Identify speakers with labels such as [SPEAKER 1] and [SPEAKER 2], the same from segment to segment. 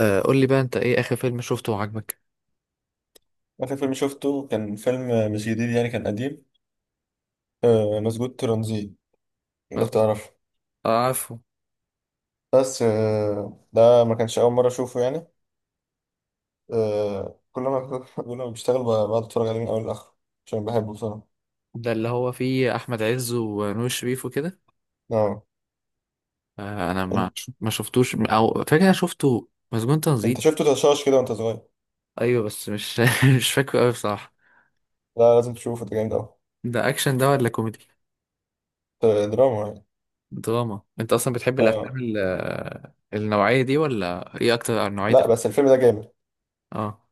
[SPEAKER 1] آه، قول لي بقى انت ايه اخر فيلم شفته وعجبك؟
[SPEAKER 2] آخر فيلم شفته كان فيلم مش جديد، كان قديم. آه، مسجود ترانزيت، لو
[SPEAKER 1] مظبوط.
[SPEAKER 2] تعرف.
[SPEAKER 1] آه، عارفه.
[SPEAKER 2] بس آه، ده ما كانش أول مرة أشوفه يعني. آه، كل ما كل ما بشتغل بقعد أتفرج عليه من أول لآخر عشان بحبه بصراحة.
[SPEAKER 1] ده اللي هو فيه احمد عز ونور شريف وكده؟
[SPEAKER 2] آه.
[SPEAKER 1] آه، انا ما
[SPEAKER 2] إن-
[SPEAKER 1] ما شفتوش، او فاكر انا شفته مسجون
[SPEAKER 2] أنت
[SPEAKER 1] تنزيل.
[SPEAKER 2] شفته تشاش كده وأنت صغير.
[SPEAKER 1] ايوه، بس مش مش فاكره قوي بصراحه.
[SPEAKER 2] لا، لازم تشوفه، ده جامد أوي.
[SPEAKER 1] ده اكشن ده ولا كوميدي؟
[SPEAKER 2] آه، دراما يعني.
[SPEAKER 1] دراما؟ انت اصلا بتحب الافلام
[SPEAKER 2] آه.
[SPEAKER 1] النوعيه دي ولا ايه اكتر نوعيه
[SPEAKER 2] لا،
[SPEAKER 1] افلام؟
[SPEAKER 2] بس الفيلم ده جامد.
[SPEAKER 1] اه.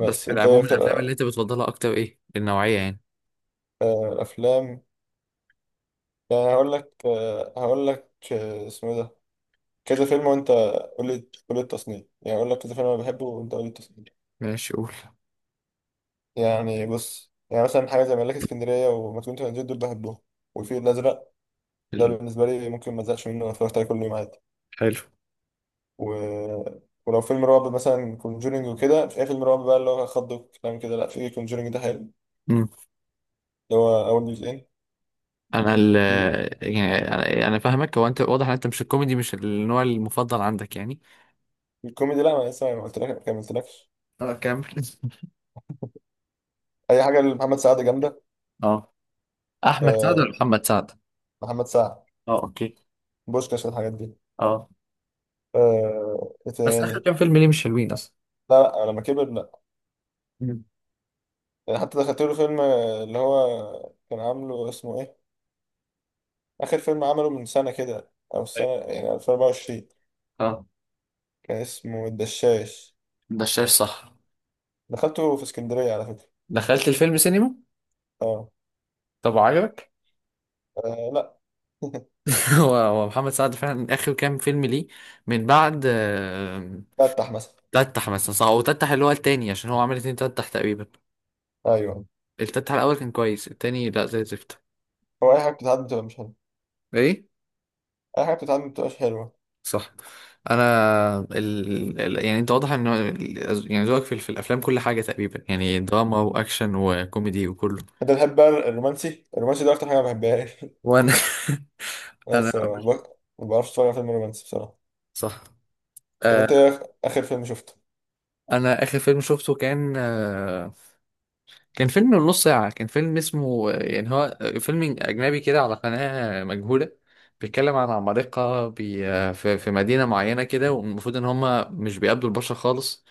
[SPEAKER 1] بس في
[SPEAKER 2] أنت إيه
[SPEAKER 1] العموم،
[SPEAKER 2] أكتر
[SPEAKER 1] الافلام اللي انت بتفضلها اكتر ايه النوعيه يعني؟
[SPEAKER 2] آه، أفلام. يعني هقول لك، اسمه إيه ده، كذا فيلم وانت، قول لي قول لي التصنيف، يعني اقول لك كذا فيلم انا بحبه وانت قول لي التصنيف.
[SPEAKER 1] ماشي، قول.
[SPEAKER 2] يعني بص، يعني مثلا حاجه زي ملاك اسكندريه وما كنت هنزل، دول بحبهم، والفيل الازرق. ده
[SPEAKER 1] ال-
[SPEAKER 2] بالنسبه لي ممكن ما ازهقش منه، أنا اتفرجت عليه كل يوم عادي.
[SPEAKER 1] حلو.
[SPEAKER 2] و... ولو فيلم رعب، مثلا كونجورينج وكده. مش اي فيلم رعب بقى اللي هو خض وكلام كده، لا، في كونجورينج ده حلو، اللي هو اول جزئين.
[SPEAKER 1] انا ال
[SPEAKER 2] في
[SPEAKER 1] يعني انا أنا فاهمك. هو انت واضح ان انت مش الكوميدي مش النوع المفضل عندك يعني.
[SPEAKER 2] في الكوميدي، لا، ما لسه ما قلت لك، ما كملتلكش.
[SPEAKER 1] اه، كمل.
[SPEAKER 2] اي حاجه لمحمد سعد جامده.
[SPEAKER 1] اه. احمد سعد ولا
[SPEAKER 2] أه،
[SPEAKER 1] محمد سعد؟
[SPEAKER 2] محمد سعد،
[SPEAKER 1] اه، اوكي.
[SPEAKER 2] بوشكاش، الحاجات دي.
[SPEAKER 1] اه.
[SPEAKER 2] أه... ايه
[SPEAKER 1] بس اخر
[SPEAKER 2] تاني؟
[SPEAKER 1] كام فيلم ليه مش حلوين اصلا؟
[SPEAKER 2] لا لا، لما كبر.
[SPEAKER 1] مم.
[SPEAKER 2] يعني حتى دخلت له فيلم اللي هو كان عامله، اسمه ايه، اخر فيلم عمله من سنه كده او السنه،
[SPEAKER 1] طيب.
[SPEAKER 2] يعني 2024.
[SPEAKER 1] اه.
[SPEAKER 2] كان اسمه الدشاش،
[SPEAKER 1] ده شايف، صح؟
[SPEAKER 2] دخلته في اسكندريه على فكره.
[SPEAKER 1] دخلت الفيلم سينما؟
[SPEAKER 2] اه.
[SPEAKER 1] طب عجبك؟
[SPEAKER 2] لا.
[SPEAKER 1] هو محمد سعد فعلا اخر كام فيلم ليه. من بعد
[SPEAKER 2] فتح مثلا.
[SPEAKER 1] تتح مثلا، صح؟ هو تتح اللي هو التاني عشان هو عمل 2 تتح تقريبا.
[SPEAKER 2] ايوه.
[SPEAKER 1] التتح الاول كان كويس، التاني لا، زي الزفت.
[SPEAKER 2] هو اي حاجه بتتعدي بتبقى مش حلوه.
[SPEAKER 1] ايه.
[SPEAKER 2] اي حاجه بتتعدي بتبقاش حلوه.
[SPEAKER 1] صح. يعني انت واضح ان يعني ذوقك في الافلام كل حاجه تقريبا، يعني دراما واكشن وكوميدي وكله.
[SPEAKER 2] انت بتحب بقى الرومانسي، الرومانسي ده اكتر حاجه ما بحبهاش.
[SPEAKER 1] وانا انا.
[SPEAKER 2] بس ما بعرفش اتفرج على فيلم رومانسي بصراحه.
[SPEAKER 1] صح.
[SPEAKER 2] طب
[SPEAKER 1] آه،
[SPEAKER 2] انت ايه اخر فيلم شفته؟
[SPEAKER 1] انا اخر فيلم شفته كان آه، كان فيلم من نص ساعه، كان فيلم اسمه يعني هو فيلم اجنبي كده على قناه مجهوله. بيتكلم عن عمالقه في مدينه معينه كده، والمفروض ان هم مش بيقابلوا البشر خالص.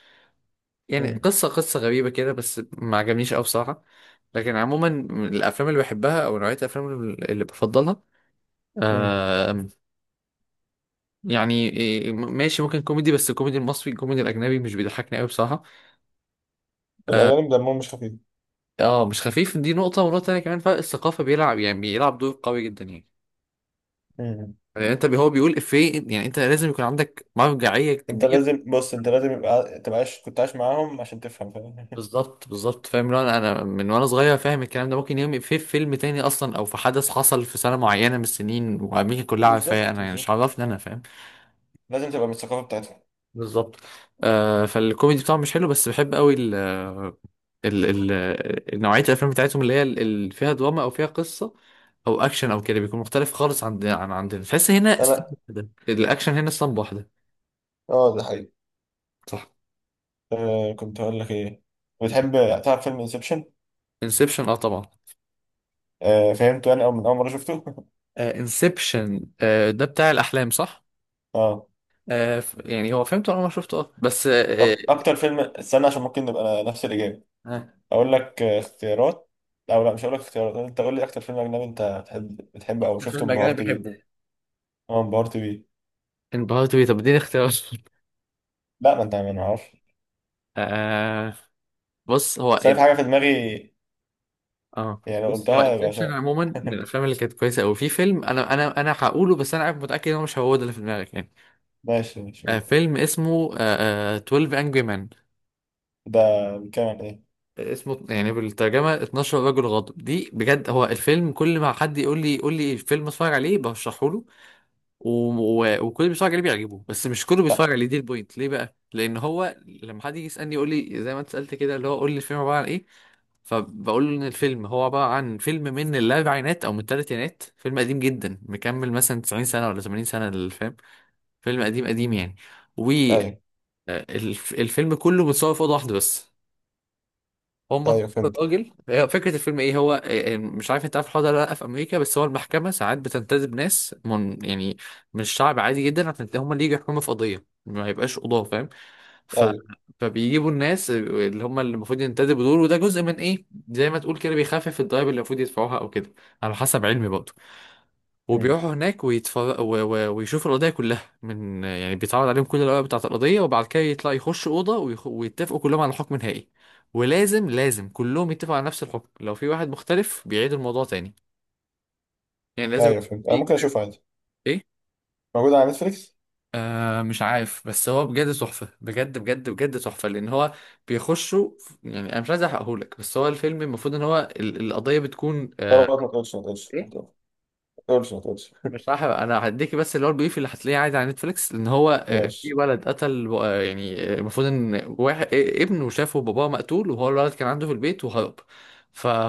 [SPEAKER 1] يعني
[SPEAKER 2] امم.
[SPEAKER 1] قصة غريبة كده، بس ما عجبنيش أوي بصراحة. لكن عموما الأفلام اللي بحبها أو نوعية الأفلام اللي بفضلها،
[SPEAKER 2] امم.
[SPEAKER 1] آه، يعني إيه، ماشي، ممكن كوميدي، بس الكوميدي المصري، الكوميدي الأجنبي مش بيضحكني أوي بصراحة.
[SPEAKER 2] الاجانب دمهم مش
[SPEAKER 1] اه، مش خفيف. دي نقطة، ونقطة تانية كمان فرق الثقافة بيلعب، يعني بيلعب دور قوي جدا يعني.
[SPEAKER 2] خفيف.
[SPEAKER 1] يعني أنت هو بيقول إفيه، يعني أنت لازم يكون عندك مرجعية
[SPEAKER 2] انت
[SPEAKER 1] كبيرة.
[SPEAKER 2] لازم، بص، انت لازم يبقى، تبقى عايش، كنت عايش معاهم عشان تفهم، فاهم؟
[SPEAKER 1] بالظبط بالظبط. فاهم؟ لو انا من وانا صغير فاهم الكلام ده، ممكن يوم في فيلم تاني اصلا، او في حدث حصل في سنه معينه من السنين وامريكا كلها عارفاه،
[SPEAKER 2] بالظبط
[SPEAKER 1] انا يعني مش
[SPEAKER 2] بالظبط.
[SPEAKER 1] عرفني، انا فاهم.
[SPEAKER 2] لازم تبقى من الثقافه بتاعتهم.
[SPEAKER 1] بالظبط. آه، فالكوميدي بتاعهم مش حلو، بس بحب قوي ال نوعيه الافلام بتاعتهم اللي هي اللي فيها دراما او فيها قصه او اكشن او كده، بيكون مختلف خالص عن عندنا. تحس هنا
[SPEAKER 2] انا.
[SPEAKER 1] اسطمبة واحده، الاكشن هنا اسطمبة واحده.
[SPEAKER 2] اه، ده حقيقي.
[SPEAKER 1] صح.
[SPEAKER 2] آه كنت هقول لك ايه، بتحب، تعرف فيلم انسبشن؟
[SPEAKER 1] انسبشن، اه طبعا.
[SPEAKER 2] آه، فهمته انا او من اول مره شفته.
[SPEAKER 1] انسبشن، آه Inception، آه، ده بتاع الاحلام، صح.
[SPEAKER 2] اه.
[SPEAKER 1] آه، يعني هو فهمته اول ما شفته، اه، بس آه.
[SPEAKER 2] طب اكتر فيلم، استنى، عشان ممكن نبقى نفس الاجابه.
[SPEAKER 1] ها.
[SPEAKER 2] اقول لك آه، اختيارات، او لا، مش هقول لك اختيارات، انت قول لي اكتر فيلم اجنبي انت بتحبه
[SPEAKER 1] آه،
[SPEAKER 2] او شفته
[SPEAKER 1] فيلم
[SPEAKER 2] انبهرت
[SPEAKER 1] اجنبي
[SPEAKER 2] بيه.
[SPEAKER 1] بحبه،
[SPEAKER 2] اه، انبهرت بيه.
[SPEAKER 1] انبهرت بيه؟ طب اديني اختيار.
[SPEAKER 2] لا، ما انت ما نعرفش.
[SPEAKER 1] آه. بص هو.
[SPEAKER 2] بس أنا في حاجه في دماغي،
[SPEAKER 1] اه،
[SPEAKER 2] يعني لو
[SPEAKER 1] بص هو
[SPEAKER 2] قلتها يبقى
[SPEAKER 1] انسبشن عموما من الافلام اللي كانت كويسه قوي. في فيلم انا هقوله، بس انا عارف متاكد ان هو مش هو ده اللي في دماغك يعني.
[SPEAKER 2] ماشي ماشي.
[SPEAKER 1] آه، فيلم اسمه 12 انجري مان.
[SPEAKER 2] ده بيتكلم عن ايه؟
[SPEAKER 1] اسمه يعني بالترجمه 12 رجل غاضب. دي بجد هو الفيلم، كل ما حد يقول لي فيلم اتفرج عليه برشحه له، و... وكل اللي بيتفرج عليه بيعجبه، بس مش كله
[SPEAKER 2] لا.
[SPEAKER 1] بيتفرج عليه. دي البوينت ليه بقى، لان هو لما حد يجي يسالني، يقول لي زي ما انت سالت كده، اللي هو قول لي الفيلم عباره عن ايه. فبقول له ان الفيلم هو عباره عن فيلم من الاربعينات او من الثلاثينات، فيلم قديم جدا مكمل مثلا 90 سنه ولا 80 سنه الفيلم، فيلم قديم قديم يعني.
[SPEAKER 2] ايوه
[SPEAKER 1] والفيلم كله متصور في اوضه واحده بس. هم طلعوا
[SPEAKER 2] ايوه فهمت.
[SPEAKER 1] الراجل، هي فكره الفيلم ايه، هو إيه، مش عارف انت عارف الحوار ده ولا لا. في امريكا، بس هو المحكمه ساعات بتنتدب ناس من يعني من الشعب عادي جدا، عشان هم اللي يجوا يحكموا في قضيه ما يبقاش قضاه، فاهم. ف...
[SPEAKER 2] ايوه.
[SPEAKER 1] فبيجيبوا الناس اللي هم اللي المفروض ينتدبوا دول، وده جزء من ايه، زي ما تقول كده بيخفف الضرايب اللي المفروض يدفعوها او كده، على حسب علمي برضه.
[SPEAKER 2] مم.
[SPEAKER 1] وبيروحوا هناك ويشوفوا القضية كلها، من يعني بيتعرض عليهم كل الأوراق بتاعة القضية، وبعد كده يطلع يخش أوضة ويتفقوا كلهم على حكم نهائي. ولازم كلهم يتفقوا على نفس الحكم. لو في واحد مختلف بيعيد الموضوع تاني، يعني لازم
[SPEAKER 2] ايوه
[SPEAKER 1] يكون
[SPEAKER 2] فهمت، انا
[SPEAKER 1] في
[SPEAKER 2] ممكن
[SPEAKER 1] إجماع.
[SPEAKER 2] اشوفه عادي،
[SPEAKER 1] إيه؟
[SPEAKER 2] موجود على نتفليكس.
[SPEAKER 1] آه، مش عارف، بس هو بجد تحفة، بجد بجد بجد تحفة، لأن هو بيخشوا. يعني أنا مش عايز أحرقهولك، بس هو الفيلم المفروض إن هو القضية بتكون آه.
[SPEAKER 2] خلاص، ما تقولش ما تقولش ما
[SPEAKER 1] إيه؟
[SPEAKER 2] تقولش ما تقولش
[SPEAKER 1] مش راح انا هديكي، بس اللي هو البيف اللي هتلاقيه عادي على نتفليكس، لان هو آه، في
[SPEAKER 2] ماشي.
[SPEAKER 1] ولد قتل آه، يعني آه، المفروض ان واحد آه، ابنه شافه باباه مقتول، وهو الولد كان عنده في البيت وهرب.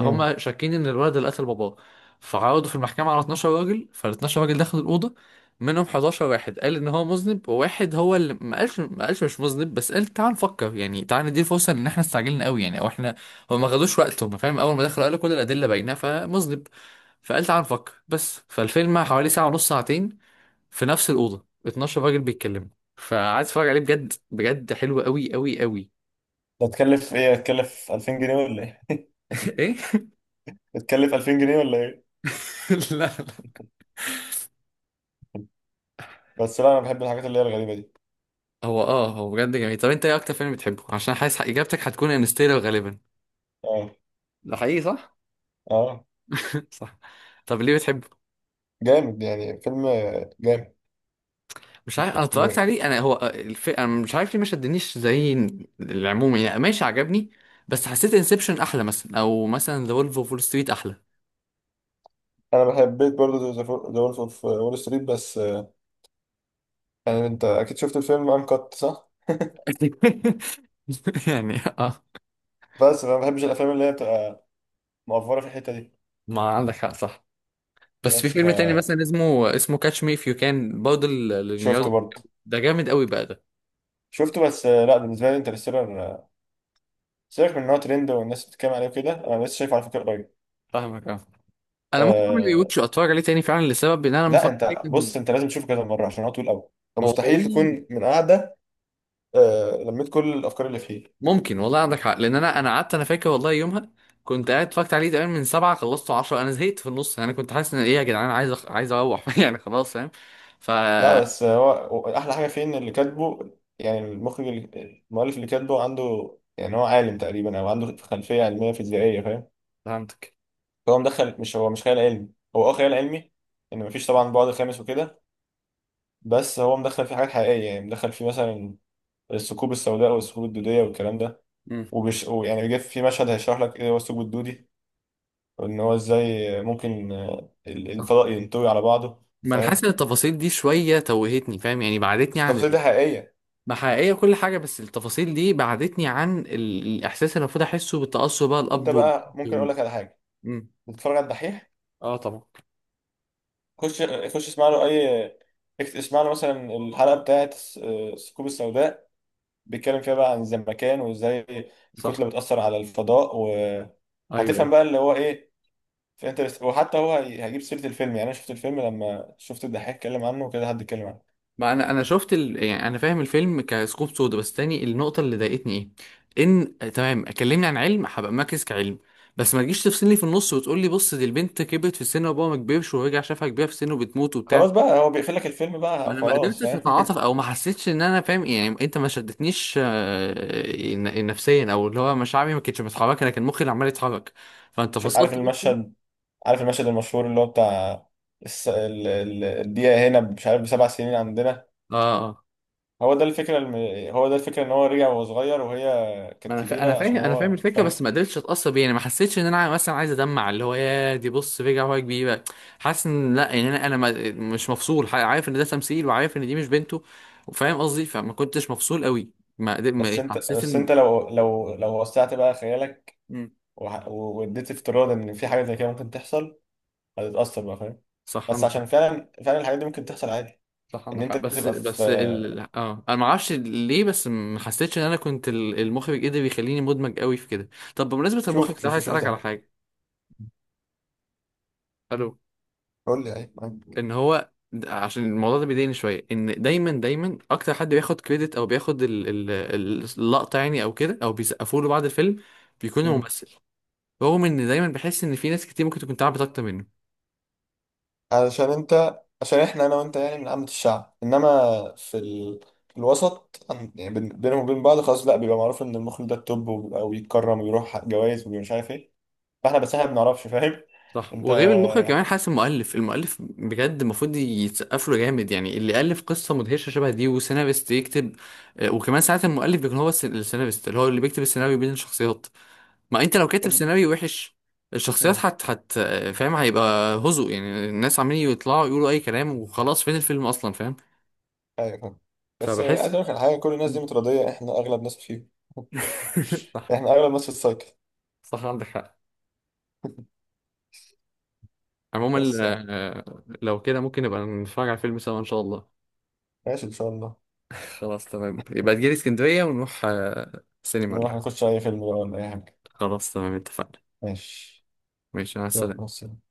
[SPEAKER 2] مم.
[SPEAKER 1] شاكين ان الولد اللي قتل باباه. فعرضوا في المحكمة على 12 راجل، فال 12 راجل دخلوا الأوضة. منهم 11 واحد قال ان هو مذنب، وواحد هو اللي ما قالش مش مذنب، بس قال تعال نفكر، يعني تعال ندي فرصة، ان احنا استعجلنا قوي يعني، او احنا هم ما خدوش وقتهم، فاهم. اول ما دخلوا قالوا كل الأدلة باينة فمذنب، فقال تعال نفكر بس. فالفيلم حوالي ساعة ونص، ساعتين، في نفس الأوضة 12 راجل بيتكلموا. فقعدت اتفرج عليه، بجد بجد حلو قوي قوي قوي.
[SPEAKER 2] ده تكلف ايه، هتكلف 2000 جنيه ولا ايه؟
[SPEAKER 1] ايه.
[SPEAKER 2] هتكلف 2000 جنيه ولا ايه؟
[SPEAKER 1] لا، لا.
[SPEAKER 2] بس لا، انا بحب الحاجات اللي هي الغريبة دي.
[SPEAKER 1] هو بجد جميل. طب انت ايه اكتر فيلم بتحبه؟ عشان حاسس اجابتك هتكون انستيلر غالبا.
[SPEAKER 2] اه
[SPEAKER 1] ده حقيقي، صح؟
[SPEAKER 2] اه.
[SPEAKER 1] صح. طب ليه بتحبه؟
[SPEAKER 2] جامد يعني، فيلم جامد.
[SPEAKER 1] مش عارف، انا اتفرجت
[SPEAKER 2] م-
[SPEAKER 1] عليه انا. هو انا مش عارف ليه ما شدنيش زي العموم يعني. ماشي عجبني، بس حسيت انسبشن احلى مثلا، او مثلا ذا وولف اوف وول ستريت احلى.
[SPEAKER 2] انا بحبيت برضه ذا وولف اوف وول ستريت، بس آه، يعني انت اكيد شفت الفيلم انكت صح؟
[SPEAKER 1] يعني اه.
[SPEAKER 2] بس انا ما بحبش الافلام اللي هي بتبقى مقفرة في الحتة دي.
[SPEAKER 1] ما عندك حق، صح. بس في
[SPEAKER 2] بس ف
[SPEAKER 1] فيلم تاني مثلا، اسمه كاتش مي اف يو، كان برضه
[SPEAKER 2] شفته
[SPEAKER 1] لليوناردو دي
[SPEAKER 2] برضه،
[SPEAKER 1] كابريو. ده جامد قوي بقى ده.
[SPEAKER 2] شفته، بس آه، لا، بالنسبه لي انترستيلر آه، سيبك من ان هو ترند والناس بتتكلم عليه وكده، انا لسه شايفه على فكره قريب.
[SPEAKER 1] فاهمك، اه. انا ممكن اعمل
[SPEAKER 2] أه.
[SPEAKER 1] ريوتش واتفرج عليه تاني فعلا، لسبب ان انا
[SPEAKER 2] لا،
[SPEAKER 1] متفرج عليه
[SPEAKER 2] انت
[SPEAKER 1] كان
[SPEAKER 2] بص، انت لازم تشوفه كذا مره عشان هو طويل قوي،
[SPEAKER 1] هو
[SPEAKER 2] فمستحيل
[SPEAKER 1] طويل.
[SPEAKER 2] تكون من قاعده أه لميت كل الافكار اللي فيه.
[SPEAKER 1] ممكن، والله عندك حق، لان انا قعدت، انا فاكر والله يومها كنت قاعد اتفرجت عليه تقريبا من 7، خلصته 10. انا زهقت في النص، يعني كنت حاسس ان ايه يا جدعان، عايز عايز اروح. يعني خلاص، فاهم. ف.
[SPEAKER 2] لا بس هو احلى حاجه فيه ان اللي كاتبه، يعني المؤلف اللي كاتبه، عنده يعني، هو عالم تقريبا او عنده خلفيه علميه فيزيائيه، فاهم؟
[SPEAKER 1] فهمتك.
[SPEAKER 2] فهو مدخل، مش هو مش خيال علمي، هو اه خيال علمي، ان مفيش طبعا بعد خامس وكده، بس هو مدخل فيه حاجات حقيقية. يعني مدخل فيه مثلا الثقوب السوداء والثقوب الدودية والكلام ده.
[SPEAKER 1] امم.
[SPEAKER 2] وبش، ويعني جه في مشهد هيشرح لك ايه هو الثقب الدودي، وان هو ازاي ممكن آه،
[SPEAKER 1] صح.
[SPEAKER 2] الفضاء ينطوي على بعضه،
[SPEAKER 1] ما انا
[SPEAKER 2] فاهم؟
[SPEAKER 1] حاسس ان التفاصيل دي شويه توهتني، فاهم، يعني
[SPEAKER 2] بس
[SPEAKER 1] بعدتني عن...
[SPEAKER 2] التفاصيل دي حقيقية.
[SPEAKER 1] ما حقيقية كل حاجة، بس التفاصيل دي بعدتني عن الإحساس اللي المفروض أحسه بالتأثر بقى،
[SPEAKER 2] انت
[SPEAKER 1] الأب والبنت
[SPEAKER 2] بقى
[SPEAKER 1] و...
[SPEAKER 2] ممكن اقول لك على حاجة،
[SPEAKER 1] مم.
[SPEAKER 2] بتتفرج على الدحيح؟
[SPEAKER 1] آه طبعا.
[SPEAKER 2] خش اسمع له اي، اسمع له مثلا الحلقة بتاعت آه، الثقوب السوداء، بيتكلم فيها بقى عن الزمكان وازاي
[SPEAKER 1] صح.
[SPEAKER 2] الكتلة بتأثر على الفضاء،
[SPEAKER 1] أيوه
[SPEAKER 2] وهتفهم
[SPEAKER 1] أيوه.
[SPEAKER 2] بقى اللي هو ايه في انترست. وحتى هو هيجيب سيرة الفيلم. يعني انا شفت الفيلم لما شفت الدحيح اتكلم عنه وكده، حد اتكلم عنه.
[SPEAKER 1] ما أنا شفت ال... يعني أنا فاهم الفيلم كسكوب سودا، بس تاني النقطة اللي ضايقتني. إيه؟ إن آه، تمام كلمني عن علم، هبقى مركز كعلم. بس ما تجيش تفصلني في النص وتقول لي بص دي البنت كبرت في السن وأبوها ما كبرش، ورجع شافها كبيرة في السن وبتموت وبتاع.
[SPEAKER 2] خلاص بقى، هو بيقفل لك الفيلم بقى،
[SPEAKER 1] انا ما
[SPEAKER 2] خلاص،
[SPEAKER 1] قدرتش
[SPEAKER 2] فاهم؟
[SPEAKER 1] اتعاطف، او ما حسيتش ان انا فاهم، يعني انت ما شدتنيش آه، نفسيا، او اللي هو مشاعري ما كانتش متحركه، لكن مخي اللي عمال يتحرك، فانت
[SPEAKER 2] عارف
[SPEAKER 1] فصلت مخي.
[SPEAKER 2] المشهد، عارف المشهد المشهور اللي هو بتاع الس... ال... ال... الدقيقة هنا مش عارف بـ7 سنين عندنا.
[SPEAKER 1] اه اه.
[SPEAKER 2] هو ده الفكرة الم... هو ده الفكرة، ان هو رجع وهو صغير وهي
[SPEAKER 1] ما
[SPEAKER 2] كانت
[SPEAKER 1] انا انا
[SPEAKER 2] كبيرة،
[SPEAKER 1] فاهم،
[SPEAKER 2] عشان هو،
[SPEAKER 1] الفكره،
[SPEAKER 2] فاهم؟
[SPEAKER 1] بس ما قدرتش اتاثر بيه، يعني ما حسيتش ان انا مثلا عايز ادمع، اللي هو يا دي بص رجع هو كبيره. حاسس ان لا، يعني انا ما... مش مفصول، عارف ان ده تمثيل، وعارف ان دي مش بنته، وفاهم قصدي، فما كنتش مفصول قوي.
[SPEAKER 2] بس
[SPEAKER 1] ما
[SPEAKER 2] انت،
[SPEAKER 1] حسيت
[SPEAKER 2] بس
[SPEAKER 1] ان.
[SPEAKER 2] انت لو لو لو وسعت بقى خيالك،
[SPEAKER 1] مم.
[SPEAKER 2] واديت افتراض ان في حاجة زي كده ممكن تحصل، هتتأثر بقى، فاهم؟
[SPEAKER 1] صح
[SPEAKER 2] بس
[SPEAKER 1] انا.
[SPEAKER 2] عشان فعلا فعلا الحاجات دي ممكن تحصل عادي.
[SPEAKER 1] صح
[SPEAKER 2] ان
[SPEAKER 1] عندك
[SPEAKER 2] انت
[SPEAKER 1] حق، بس
[SPEAKER 2] تبقى في
[SPEAKER 1] بس ال... اه انا ما اعرفش ليه، بس ما حسيتش ان انا كنت المخرج قدر يخليني مدمج قوي في كده. طب بمناسبه المخرج
[SPEAKER 2] شوف
[SPEAKER 1] ده، عايز
[SPEAKER 2] شوف
[SPEAKER 1] اسالك على
[SPEAKER 2] تاني.
[SPEAKER 1] حاجه. الو.
[SPEAKER 2] قول لي، اي معاك.
[SPEAKER 1] ان هو عشان الموضوع ده بيضايقني شويه، ان دايما دايما اكتر حد بياخد كريدت او بياخد اللقطه يعني، او كده، او بيسقفوا له بعد الفيلم، بيكون
[SPEAKER 2] مم.
[SPEAKER 1] الممثل. رغم ان دايما بحس ان في ناس كتير ممكن تكون تعبت اكتر منه.
[SPEAKER 2] علشان انت، عشان احنا انا وانت يعني من عامة الشعب، انما في ال... في الوسط يعني بينهم وبين بعض خلاص، لا بيبقى معروف ان المخرج ده التوب، ويتكرم ويروح جوائز ومش عارف ايه. فاحنا بس، احنا ما بنعرفش، فاهم؟
[SPEAKER 1] صح.
[SPEAKER 2] انت
[SPEAKER 1] وغير المخرج كمان حاسس المؤلف، المؤلف بجد المفروض يتسقف له جامد، يعني اللي ألف قصة مدهشة شبه دي، وسيناريست يكتب، آه، وكمان ساعات المؤلف بيكون هو السيناريست، اللي هو اللي بيكتب السيناريو بين الشخصيات. ما انت لو كاتب
[SPEAKER 2] ابن-
[SPEAKER 1] سيناريو وحش الشخصيات
[SPEAKER 2] مم.
[SPEAKER 1] حت حت آه، فاهم هيبقى هزء، يعني الناس عمالين يطلعوا يقولوا اي كلام وخلاص، فين الفيلم اصلا، فاهم.
[SPEAKER 2] ايوه فاهم. بس عايز
[SPEAKER 1] فبحس.
[SPEAKER 2] اقول لك على حاجه، كل الناس دي متراضيه، احنا اغلب ناس فيه،
[SPEAKER 1] صح.
[SPEAKER 2] احنا اغلب ناس في السايكل.
[SPEAKER 1] صح عندك حق. عموما
[SPEAKER 2] بس يعني
[SPEAKER 1] آه، لو كده ممكن نبقى نتفرج على الفيلم سوا ان شاء الله.
[SPEAKER 2] ماشي، ان شاء الله.
[SPEAKER 1] خلاص تمام، يبقى تجيلي اسكندرية ونروح آه، سينما ولا
[SPEAKER 2] نروح
[SPEAKER 1] حاجة.
[SPEAKER 2] نخش اي فيلم بقى ولا اي حاجه.
[SPEAKER 1] خلاص تمام اتفقنا.
[SPEAKER 2] ماشي.
[SPEAKER 1] ماشي، مع
[SPEAKER 2] يلا، مع
[SPEAKER 1] السلامة.
[SPEAKER 2] السلامة.